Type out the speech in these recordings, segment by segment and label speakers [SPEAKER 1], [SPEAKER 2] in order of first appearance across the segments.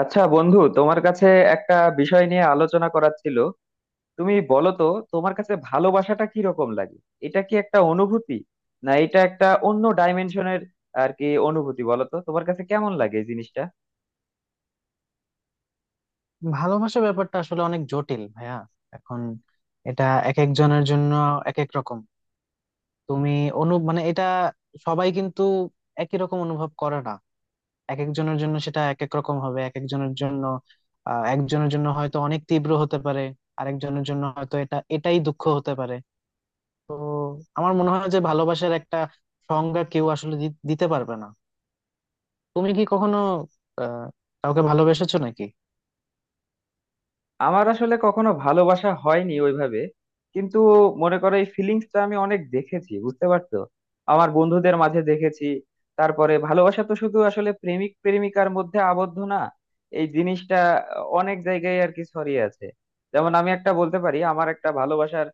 [SPEAKER 1] আচ্ছা বন্ধু, তোমার কাছে একটা বিষয় নিয়ে আলোচনা করার ছিল। তুমি বলো তো, তোমার কাছে ভালোবাসাটা কি রকম লাগে? এটা কি একটা অনুভূতি না এটা একটা অন্য ডাইমেনশনের আর কি অনুভূতি? বলো তো তোমার কাছে কেমন লাগে এই জিনিসটা।
[SPEAKER 2] ভালোবাসা ব্যাপারটা আসলে অনেক জটিল ভাইয়া। এখন এটা এক একজনের জন্য এক এক রকম। তুমি মানে এটা সবাই কিন্তু একই রকম অনুভব করে না। এক একজনের জন্য সেটা এক এক রকম হবে, এক একজনের জন্য একজনের জন্য হয়তো অনেক তীব্র হতে পারে, আরেকজনের জন্য হয়তো এটাই দুঃখ হতে পারে। তো আমার মনে হয় যে ভালোবাসার একটা সংজ্ঞা কেউ আসলে দিতে পারবে না। তুমি কি কখনো আহ কাউকে ভালোবেসেছো নাকি?
[SPEAKER 1] আমার আসলে কখনো ভালোবাসা হয়নি ওইভাবে, কিন্তু মনে করো এই ফিলিংসটা আমি অনেক দেখেছি, বুঝতে পারছো? আমার বন্ধুদের মাঝে দেখেছি। তারপরে ভালোবাসা তো শুধু আসলে প্রেমিক প্রেমিকার মধ্যে আবদ্ধ না, এই জিনিসটা অনেক জায়গায় আর কি ছড়িয়ে আছে। যেমন আমি একটা বলতে পারি, আমার একটা ভালোবাসার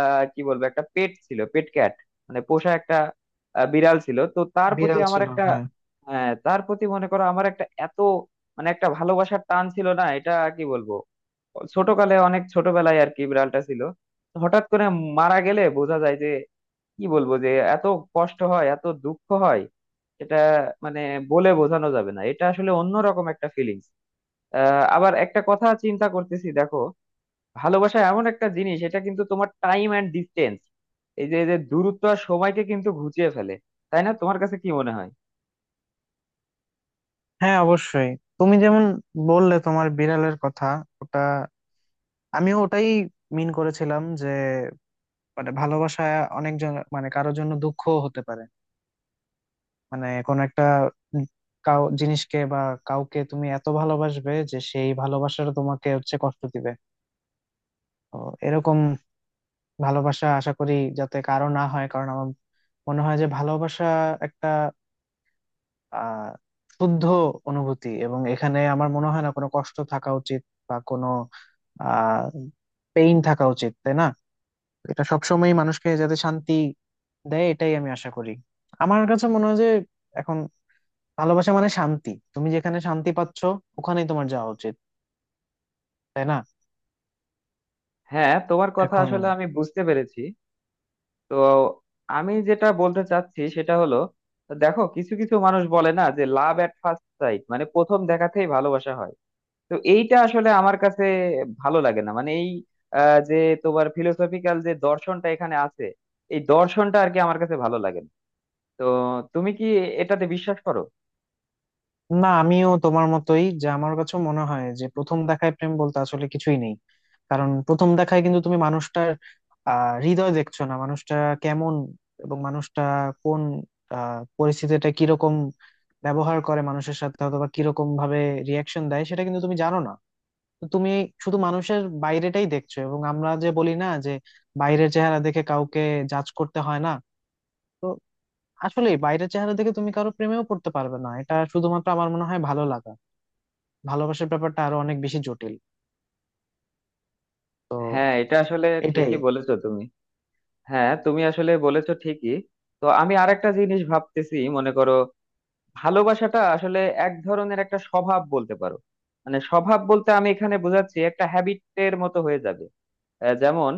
[SPEAKER 1] কি বলবো একটা পেট ছিল, পেট ক্যাট মানে পোষা একটা বিড়াল ছিল, তো তার প্রতি
[SPEAKER 2] বিড়াল
[SPEAKER 1] আমার
[SPEAKER 2] ছিল,
[SPEAKER 1] একটা
[SPEAKER 2] হ্যাঁ।
[SPEAKER 1] তার প্রতি মনে করো আমার একটা এত মানে একটা ভালোবাসার টান ছিল না এটা? কি বলবো, ছোটকালে অনেক ছোটবেলায় আর কি বিড়ালটা ছিল, তো হঠাৎ করে মারা গেলে বোঝা যায় যে কি বলবো যে এত কষ্ট হয়, এত দুঃখ হয়। এটা মানে বলে বোঝানো যাবে না, এটা আসলে অন্যরকম একটা ফিলিংস। আবার একটা কথা চিন্তা করতেছি দেখো, ভালোবাসা এমন একটা জিনিস, এটা কিন্তু তোমার টাইম অ্যান্ড ডিস্টেন্স, এই যে যে দূরত্ব আর সময়কে কিন্তু ঘুচিয়ে ফেলে। তাই না, তোমার কাছে কি মনে হয়?
[SPEAKER 2] হ্যাঁ অবশ্যই। তুমি যেমন বললে তোমার বিড়ালের কথা, ওটা আমিও ওটাই মিন করেছিলাম যে মানে ভালোবাসা অনেক জন মানে কারোর জন্য দুঃখ হতে পারে। মানে কোন একটা উম কাউ জিনিসকে বা কাউকে তুমি এত ভালোবাসবে যে সেই ভালোবাসাটা তোমাকে হচ্ছে কষ্ট দিবে। তো এরকম ভালোবাসা আশা করি যাতে কারো না হয়, কারণ আমার মনে হয় যে ভালোবাসা একটা আহ শুদ্ধ অনুভূতি, এবং এখানে আমার মনে হয় না কোনো কষ্ট থাকা উচিত বা কোনো পেইন থাকা উচিত, তাই না? এটা সবসময় মানুষকে যাতে শান্তি দেয়, এটাই আমি আশা করি। আমার কাছে মনে হয় যে এখন ভালোবাসা মানে শান্তি, তুমি যেখানে শান্তি পাচ্ছ ওখানেই তোমার যাওয়া উচিত, তাই না?
[SPEAKER 1] হ্যাঁ, তোমার কথা
[SPEAKER 2] এখন
[SPEAKER 1] আসলে আমি বুঝতে পেরেছি। তো আমি যেটা বলতে চাচ্ছি সেটা হলো, দেখো কিছু কিছু মানুষ বলে না যে লাভ এট ফার্স্ট সাইট, মানে প্রথম দেখাতেই ভালোবাসা হয়। তো এইটা আসলে আমার কাছে ভালো লাগে না, মানে এই যে তোমার ফিলোসফিক্যাল যে দর্শনটা এখানে আছে, এই দর্শনটা আর কি আমার কাছে ভালো লাগে না। তো তুমি কি এটাতে বিশ্বাস করো?
[SPEAKER 2] না, আমিও তোমার মতোই, যে আমার কাছে মনে হয় যে প্রথম দেখায় প্রেম বলতে আসলে কিছুই নেই। কারণ প্রথম দেখায় কিন্তু তুমি মানুষটার হৃদয় দেখছো না, মানুষটা কেমন এবং মানুষটা কোন পরিস্থিতিটা কিরকম ব্যবহার করে মানুষের সাথে, অথবা কিরকম ভাবে রিয়াকশন দেয় সেটা কিন্তু তুমি জানো না। তো তুমি শুধু মানুষের বাইরেটাই দেখছো, এবং আমরা যে বলি না যে বাইরের চেহারা দেখে কাউকে জাজ করতে হয় না। তো আসলে বাইরের চেহারা দেখে তুমি কারো প্রেমেও পড়তে পারবে না, এটা শুধুমাত্র আমার মনে হয় ভালো লাগা। ভালোবাসার ব্যাপারটা আরো অনেক বেশি জটিল। তো
[SPEAKER 1] হ্যাঁ এটা আসলে
[SPEAKER 2] এটাই।
[SPEAKER 1] ঠিকই বলেছো তুমি। হ্যাঁ তুমি আসলে বলেছো ঠিকই। তো আমি আরেকটা জিনিস ভাবতেছি, মনে করো ভালোবাসাটা আসলে এক ধরনের একটা স্বভাব বলতে পারো। মানে স্বভাব বলতে আমি এখানে বোঝাচ্ছি একটা হ্যাবিটের মতো হয়ে যাবে। যেমন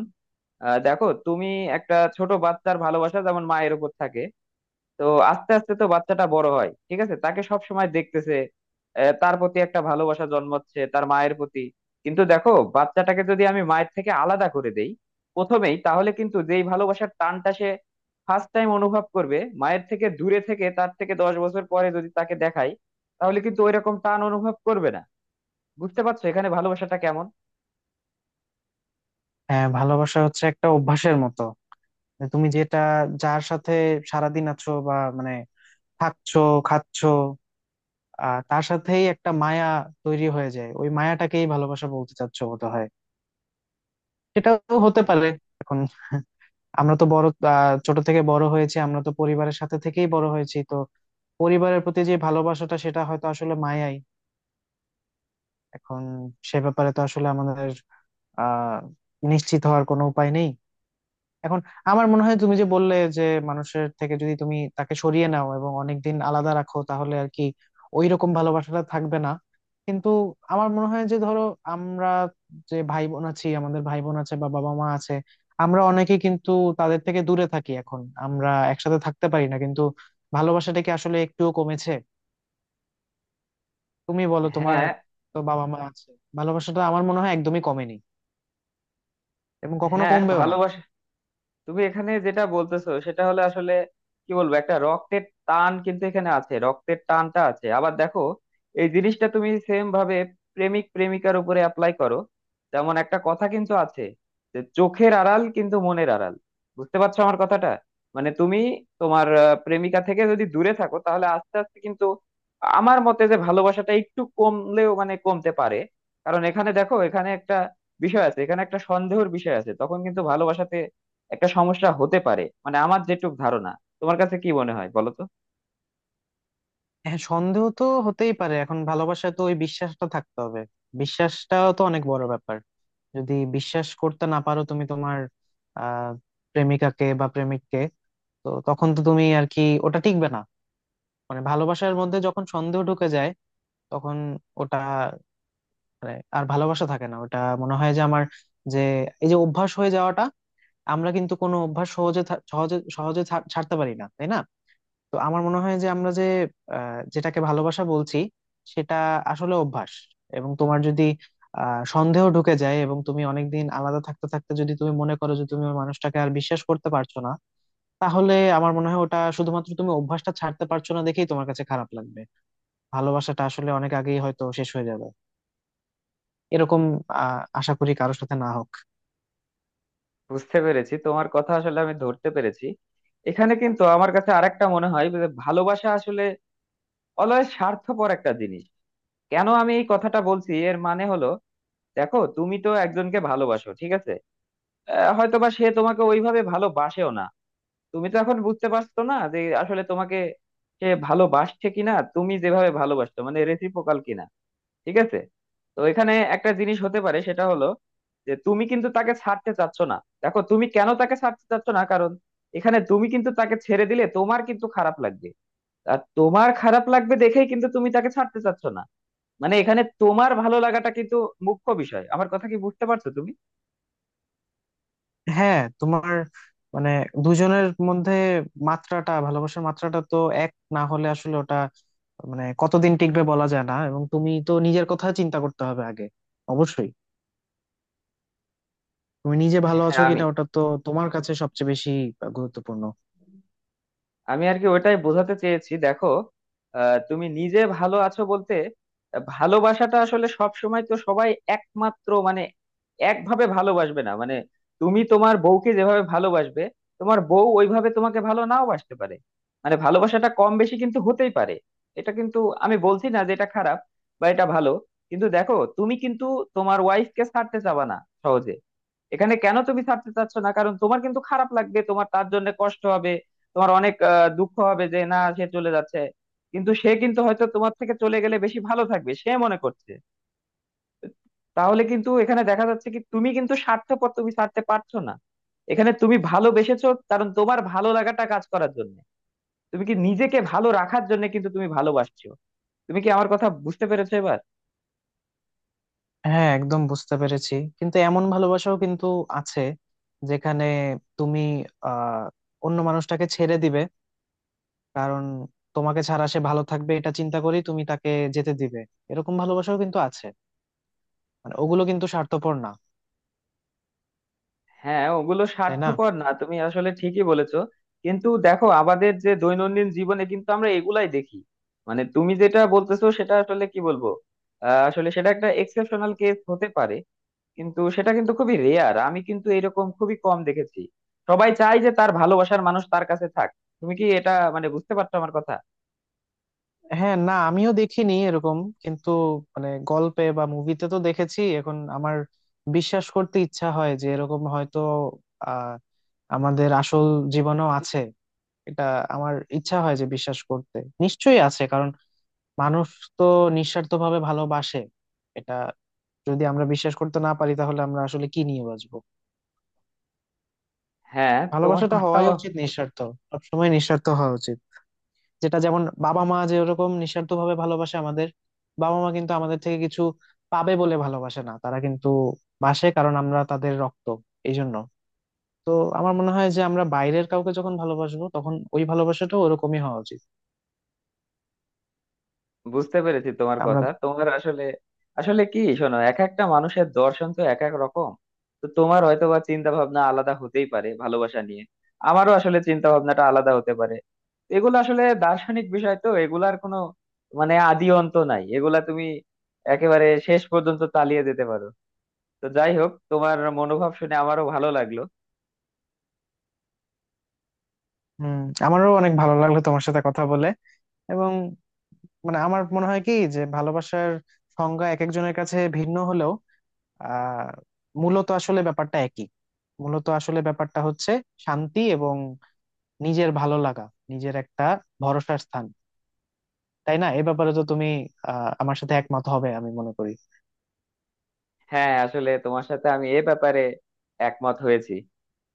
[SPEAKER 1] দেখো তুমি, একটা ছোট বাচ্চার ভালোবাসা যেমন মায়ের উপর থাকে, তো আস্তে আস্তে তো বাচ্চাটা বড় হয়, ঠিক আছে, তাকে সব সময় দেখতেছে। তার প্রতি একটা ভালোবাসা জন্মাচ্ছে তার মায়ের প্রতি। কিন্তু দেখো বাচ্চাটাকে যদি আমি মায়ের থেকে আলাদা করে দেই প্রথমেই, তাহলে কিন্তু যেই ভালোবাসার টানটা সে ফার্স্ট টাইম অনুভব করবে মায়ের থেকে দূরে থেকে, তার থেকে 10 বছর পরে যদি তাকে দেখাই, তাহলে কিন্তু ওই রকম টান অনুভব করবে না। বুঝতে পারছো এখানে ভালোবাসাটা কেমন?
[SPEAKER 2] হ্যাঁ, ভালোবাসা হচ্ছে একটা অভ্যাসের মতো। তুমি যেটা, যার সাথে সারাদিন আছো বা মানে থাকছো, খাচ্ছো, তার সাথেই একটা মায়া তৈরি হয়ে যায়। ওই মায়াটাকেই ভালোবাসা বলতে চাচ্ছো বোধ হয়, সেটাও হতে
[SPEAKER 1] হ্যাঁ,
[SPEAKER 2] পারে। এখন আমরা তো বড়, ছোট থেকে বড় হয়েছি, আমরা তো পরিবারের সাথে থেকেই বড় হয়েছি। তো পরিবারের প্রতি যে ভালোবাসাটা সেটা হয়তো আসলে মায়াই। এখন সে ব্যাপারে তো আসলে আমাদের আহ নিশ্চিত হওয়ার কোনো উপায় নেই। এখন আমার মনে হয় তুমি যে বললে যে মানুষের থেকে যদি তুমি তাকে সরিয়ে নাও এবং অনেকদিন আলাদা রাখো, তাহলে আর কি ওই রকম ভালোবাসাটা থাকবে না। কিন্তু আমার মনে হয় যে ধরো আমরা যে ভাই বোন আছি, আমাদের ভাই বোন আছে বা বাবা মা আছে, আমরা অনেকে কিন্তু তাদের থেকে দূরে থাকি এখন, আমরা একসাথে থাকতে পারি না, কিন্তু ভালোবাসাটা কি আসলে একটুও কমেছে? তুমি বলো, তোমার
[SPEAKER 1] হ্যাঁ।
[SPEAKER 2] তো বাবা মা আছে। ভালোবাসাটা আমার মনে হয় একদমই কমেনি এবং কখনো
[SPEAKER 1] হ্যাঁ
[SPEAKER 2] কমবেও না।
[SPEAKER 1] ভালোবাসা, তুমি এখানে যেটা বলতেছো সেটা হলে আসলে কি বলবো, একটা রক্তের টান কিন্তু এখানে আছে, রক্তের টানটা আছে। আবার দেখো এই জিনিসটা তুমি সেম ভাবে প্রেমিক প্রেমিকার উপরে অ্যাপ্লাই করো। যেমন একটা কথা কিন্তু আছে যে চোখের আড়াল কিন্তু মনের আড়াল। বুঝতে পারছো আমার কথাটা? মানে তুমি তোমার প্রেমিকা থেকে যদি দূরে থাকো, তাহলে আস্তে আস্তে কিন্তু আমার মতে যে ভালোবাসাটা একটু কমলেও মানে কমতে পারে। কারণ এখানে দেখো, এখানে একটা বিষয় আছে, এখানে একটা সন্দেহের বিষয় আছে, তখন কিন্তু ভালোবাসাতে একটা সমস্যা হতে পারে, মানে আমার যেটুক ধারণা। তোমার কাছে কি মনে হয় বলো তো?
[SPEAKER 2] হ্যাঁ, সন্দেহ তো হতেই পারে। এখন ভালোবাসায় তো ওই বিশ্বাসটা থাকতে হবে, বিশ্বাসটাও তো অনেক বড় ব্যাপার। যদি বিশ্বাস করতে না পারো তুমি তোমার আহ প্রেমিকাকে বা প্রেমিককে, তো তখন তো তুমি আর কি ওটা টিকবে না। মানে ভালোবাসার মধ্যে যখন সন্দেহ ঢুকে যায়, তখন ওটা মানে আর ভালোবাসা থাকে না। ওটা মনে হয় যে আমার, যে এই যে অভ্যাস হয়ে যাওয়াটা, আমরা কিন্তু কোনো অভ্যাস সহজে সহজে সহজে ছাড়তে পারি না, তাই না? তো আমার মনে হয় যে আমরা যে যেটাকে ভালোবাসা বলছি সেটা আসলে অভ্যাস। এবং তোমার যদি সন্দেহ ঢুকে যায় এবং তুমি অনেকদিন আলাদা থাকতে থাকতে যদি তুমি মনে করো যে তুমি ওই মানুষটাকে আর বিশ্বাস করতে পারছো না, তাহলে আমার মনে হয় ওটা শুধুমাত্র তুমি অভ্যাসটা ছাড়তে পারছো না দেখেই তোমার কাছে খারাপ লাগবে। ভালোবাসাটা আসলে অনেক আগেই হয়তো শেষ হয়ে যাবে। এরকম আশা করি কারোর সাথে না হোক।
[SPEAKER 1] বুঝতে পেরেছি তোমার কথা, আসলে আমি ধরতে পেরেছি। এখানে কিন্তু আমার কাছে আরেকটা মনে হয় যে ভালোবাসা আসলে অলয় স্বার্থপর একটা জিনিস। কেন আমি এই কথাটা বলছি, এর মানে হলো দেখো তুমি তো একজনকে ভালোবাসো, ঠিক আছে, হয়তোবা সে তোমাকে ওইভাবে ভালোবাসেও না। তুমি তো এখন বুঝতে পারছো না যে আসলে তোমাকে সে ভালোবাসছে কিনা, তুমি যেভাবে ভালোবাসছো মানে রেসিপ্রোকাল কিনা, ঠিক আছে। তো এখানে একটা জিনিস হতে পারে সেটা হলো যে তুমি কিন্তু তাকে ছাড়তে চাচ্ছ না। দেখো তুমি কেন তাকে ছাড়তে চাচ্ছ না, কারণ এখানে তুমি কিন্তু তাকে ছেড়ে দিলে তোমার কিন্তু খারাপ লাগবে, আর তোমার খারাপ লাগবে দেখেই কিন্তু তুমি তাকে ছাড়তে চাচ্ছ না। মানে এখানে তোমার ভালো লাগাটা কিন্তু মুখ্য বিষয়। আমার কথা কি বুঝতে পারছো তুমি?
[SPEAKER 2] হ্যাঁ, তোমার মানে দুজনের মধ্যে মাত্রাটা, ভালোবাসার মাত্রাটা তো এক না হলে আসলে ওটা মানে কতদিন টিকবে বলা যায় না। এবং তুমি তো নিজের কথা চিন্তা করতে হবে আগে, অবশ্যই। তুমি নিজে ভালো
[SPEAKER 1] হ্যাঁ।
[SPEAKER 2] আছো
[SPEAKER 1] আমি
[SPEAKER 2] কিনা ওটা তো তোমার কাছে সবচেয়ে বেশি গুরুত্বপূর্ণ।
[SPEAKER 1] আমি আর কি ওইটাই বোঝাতে চেয়েছি। দেখো তুমি নিজে ভালো আছো বলতে ভালোবাসাটা আসলে সব সময় তো সবাই একমাত্র মানে একভাবে ভালোবাসবে না। মানে তুমি তোমার বউকে যেভাবে ভালোবাসবে তোমার বউ ওইভাবে তোমাকে ভালো নাও বাসতে পারে। মানে ভালোবাসাটা কম বেশি কিন্তু হতেই পারে। এটা কিন্তু, আমি বলছি না যে এটা খারাপ বা এটা ভালো, কিন্তু দেখো তুমি কিন্তু তোমার ওয়াইফকে ছাড়তে চাবা না সহজে। এখানে কেন তুমি ছাড়তে চাচ্ছ না, কারণ তোমার কিন্তু খারাপ লাগবে, তোমার তার জন্য কষ্ট হবে, তোমার অনেক দুঃখ হবে যে না, সে চলে যাচ্ছে। কিন্তু সে কিন্তু হয়তো তোমার থেকে চলে গেলে বেশি ভালো থাকবে সে মনে করছে। তাহলে কিন্তু এখানে দেখা যাচ্ছে কি, তুমি কিন্তু স্বার্থপর, তুমি ছাড়তে পারছো না। এখানে তুমি ভালোবেসেছো কারণ তোমার ভালো লাগাটা কাজ করার জন্য, তুমি কি নিজেকে ভালো রাখার জন্য কিন্তু তুমি ভালোবাসছো? তুমি কি আমার কথা বুঝতে পেরেছো এবার?
[SPEAKER 2] হ্যাঁ একদম বুঝতে পেরেছি, কিন্তু এমন ভালোবাসাও কিন্তু আছে যেখানে তুমি আহ অন্য মানুষটাকে ছেড়ে দিবে কারণ তোমাকে ছাড়া সে ভালো থাকবে, এটা চিন্তা করেই তুমি তাকে যেতে দিবে। এরকম ভালোবাসাও কিন্তু আছে, মানে ওগুলো কিন্তু স্বার্থপর না,
[SPEAKER 1] হ্যাঁ ওগুলো
[SPEAKER 2] তাই না?
[SPEAKER 1] স্বার্থপর না, তুমি আসলে ঠিকই বলেছো। কিন্তু দেখো আমাদের যে দৈনন্দিন জীবনে কিন্তু আমরা এগুলাই দেখি। মানে তুমি যেটা বলতেছো সেটা আসলে কি বলবো আসলে সেটা একটা এক্সেপশনাল কেস হতে পারে, কিন্তু সেটা কিন্তু খুবই রেয়ার, আমি কিন্তু এরকম খুবই কম দেখেছি। সবাই চায় যে তার ভালোবাসার মানুষ তার কাছে থাক। তুমি কি এটা মানে বুঝতে পারছো আমার কথা?
[SPEAKER 2] হ্যাঁ না, আমিও দেখিনি এরকম, কিন্তু মানে গল্পে বা মুভিতে তো দেখেছি। এখন আমার বিশ্বাস করতে ইচ্ছা হয় যে এরকম হয়তো আহ আমাদের আসল জীবনেও আছে। এটা আমার ইচ্ছা হয় যে বিশ্বাস করতে। নিশ্চয়ই আছে, কারণ মানুষ তো নিঃস্বার্থভাবে ভালোবাসে। এটা যদি আমরা বিশ্বাস করতে না পারি, তাহলে আমরা আসলে কি নিয়ে বাঁচবো?
[SPEAKER 1] হ্যাঁ তোমার
[SPEAKER 2] ভালোবাসাটা
[SPEAKER 1] কথা
[SPEAKER 2] হওয়াই উচিত নিঃস্বার্থ, সবসময় নিঃস্বার্থ হওয়া উচিত। যেটা যেমন বাবা মা যেরকম নিঃস্বার্থ ভাবে ভালোবাসে আমাদের, বাবা মা কিন্তু আমাদের থেকে কিছু পাবে বলে ভালোবাসে না, তারা কিন্তু বাসে কারণ আমরা তাদের রক্ত, এই জন্য। তো আমার মনে হয় যে আমরা বাইরের কাউকে যখন ভালোবাসবো তখন ওই ভালোবাসাটা ওরকমই হওয়া উচিত।
[SPEAKER 1] বুঝতে পেরেছি, তোমার
[SPEAKER 2] আমরা।
[SPEAKER 1] কথা তোমার আসলে আসলে কি শোনো, এক একটা মানুষের দর্শন তো এক এক রকম। তো তোমার হয়তো বা চিন্তা ভাবনা আলাদা হতেই পারে ভালোবাসা নিয়ে, আমারও আসলে চিন্তা ভাবনাটা আলাদা হতে পারে। এগুলো আসলে দার্শনিক বিষয়, তো এগুলার কোনো মানে আদি অন্ত নাই, এগুলা তুমি একেবারে শেষ পর্যন্ত চালিয়ে যেতে পারো। তো যাই হোক, তোমার মনোভাব শুনে আমারও ভালো লাগলো।
[SPEAKER 2] হম। আমারও অনেক ভালো লাগলো তোমার সাথে কথা বলে। এবং মানে আমার মনে হয় কি যে ভালোবাসার সংজ্ঞা এক একজনের কাছে ভিন্ন হলেও আহ মূলত আসলে ব্যাপারটা একই। মূলত আসলে ব্যাপারটা হচ্ছে শান্তি এবং নিজের ভালো লাগা, নিজের একটা ভরসার স্থান। তাই না? এ ব্যাপারে তো তুমি আমার সাথে একমত হবে আমি মনে করি।
[SPEAKER 1] হ্যাঁ আসলে তোমার সাথে আমি এ ব্যাপারে একমত হয়েছি।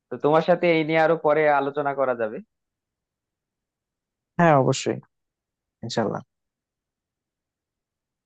[SPEAKER 1] তো তোমার সাথে এই নিয়ে আরো পরে আলোচনা করা যাবে।
[SPEAKER 2] হ্যাঁ অবশ্যই, ইনশাল্লাহ।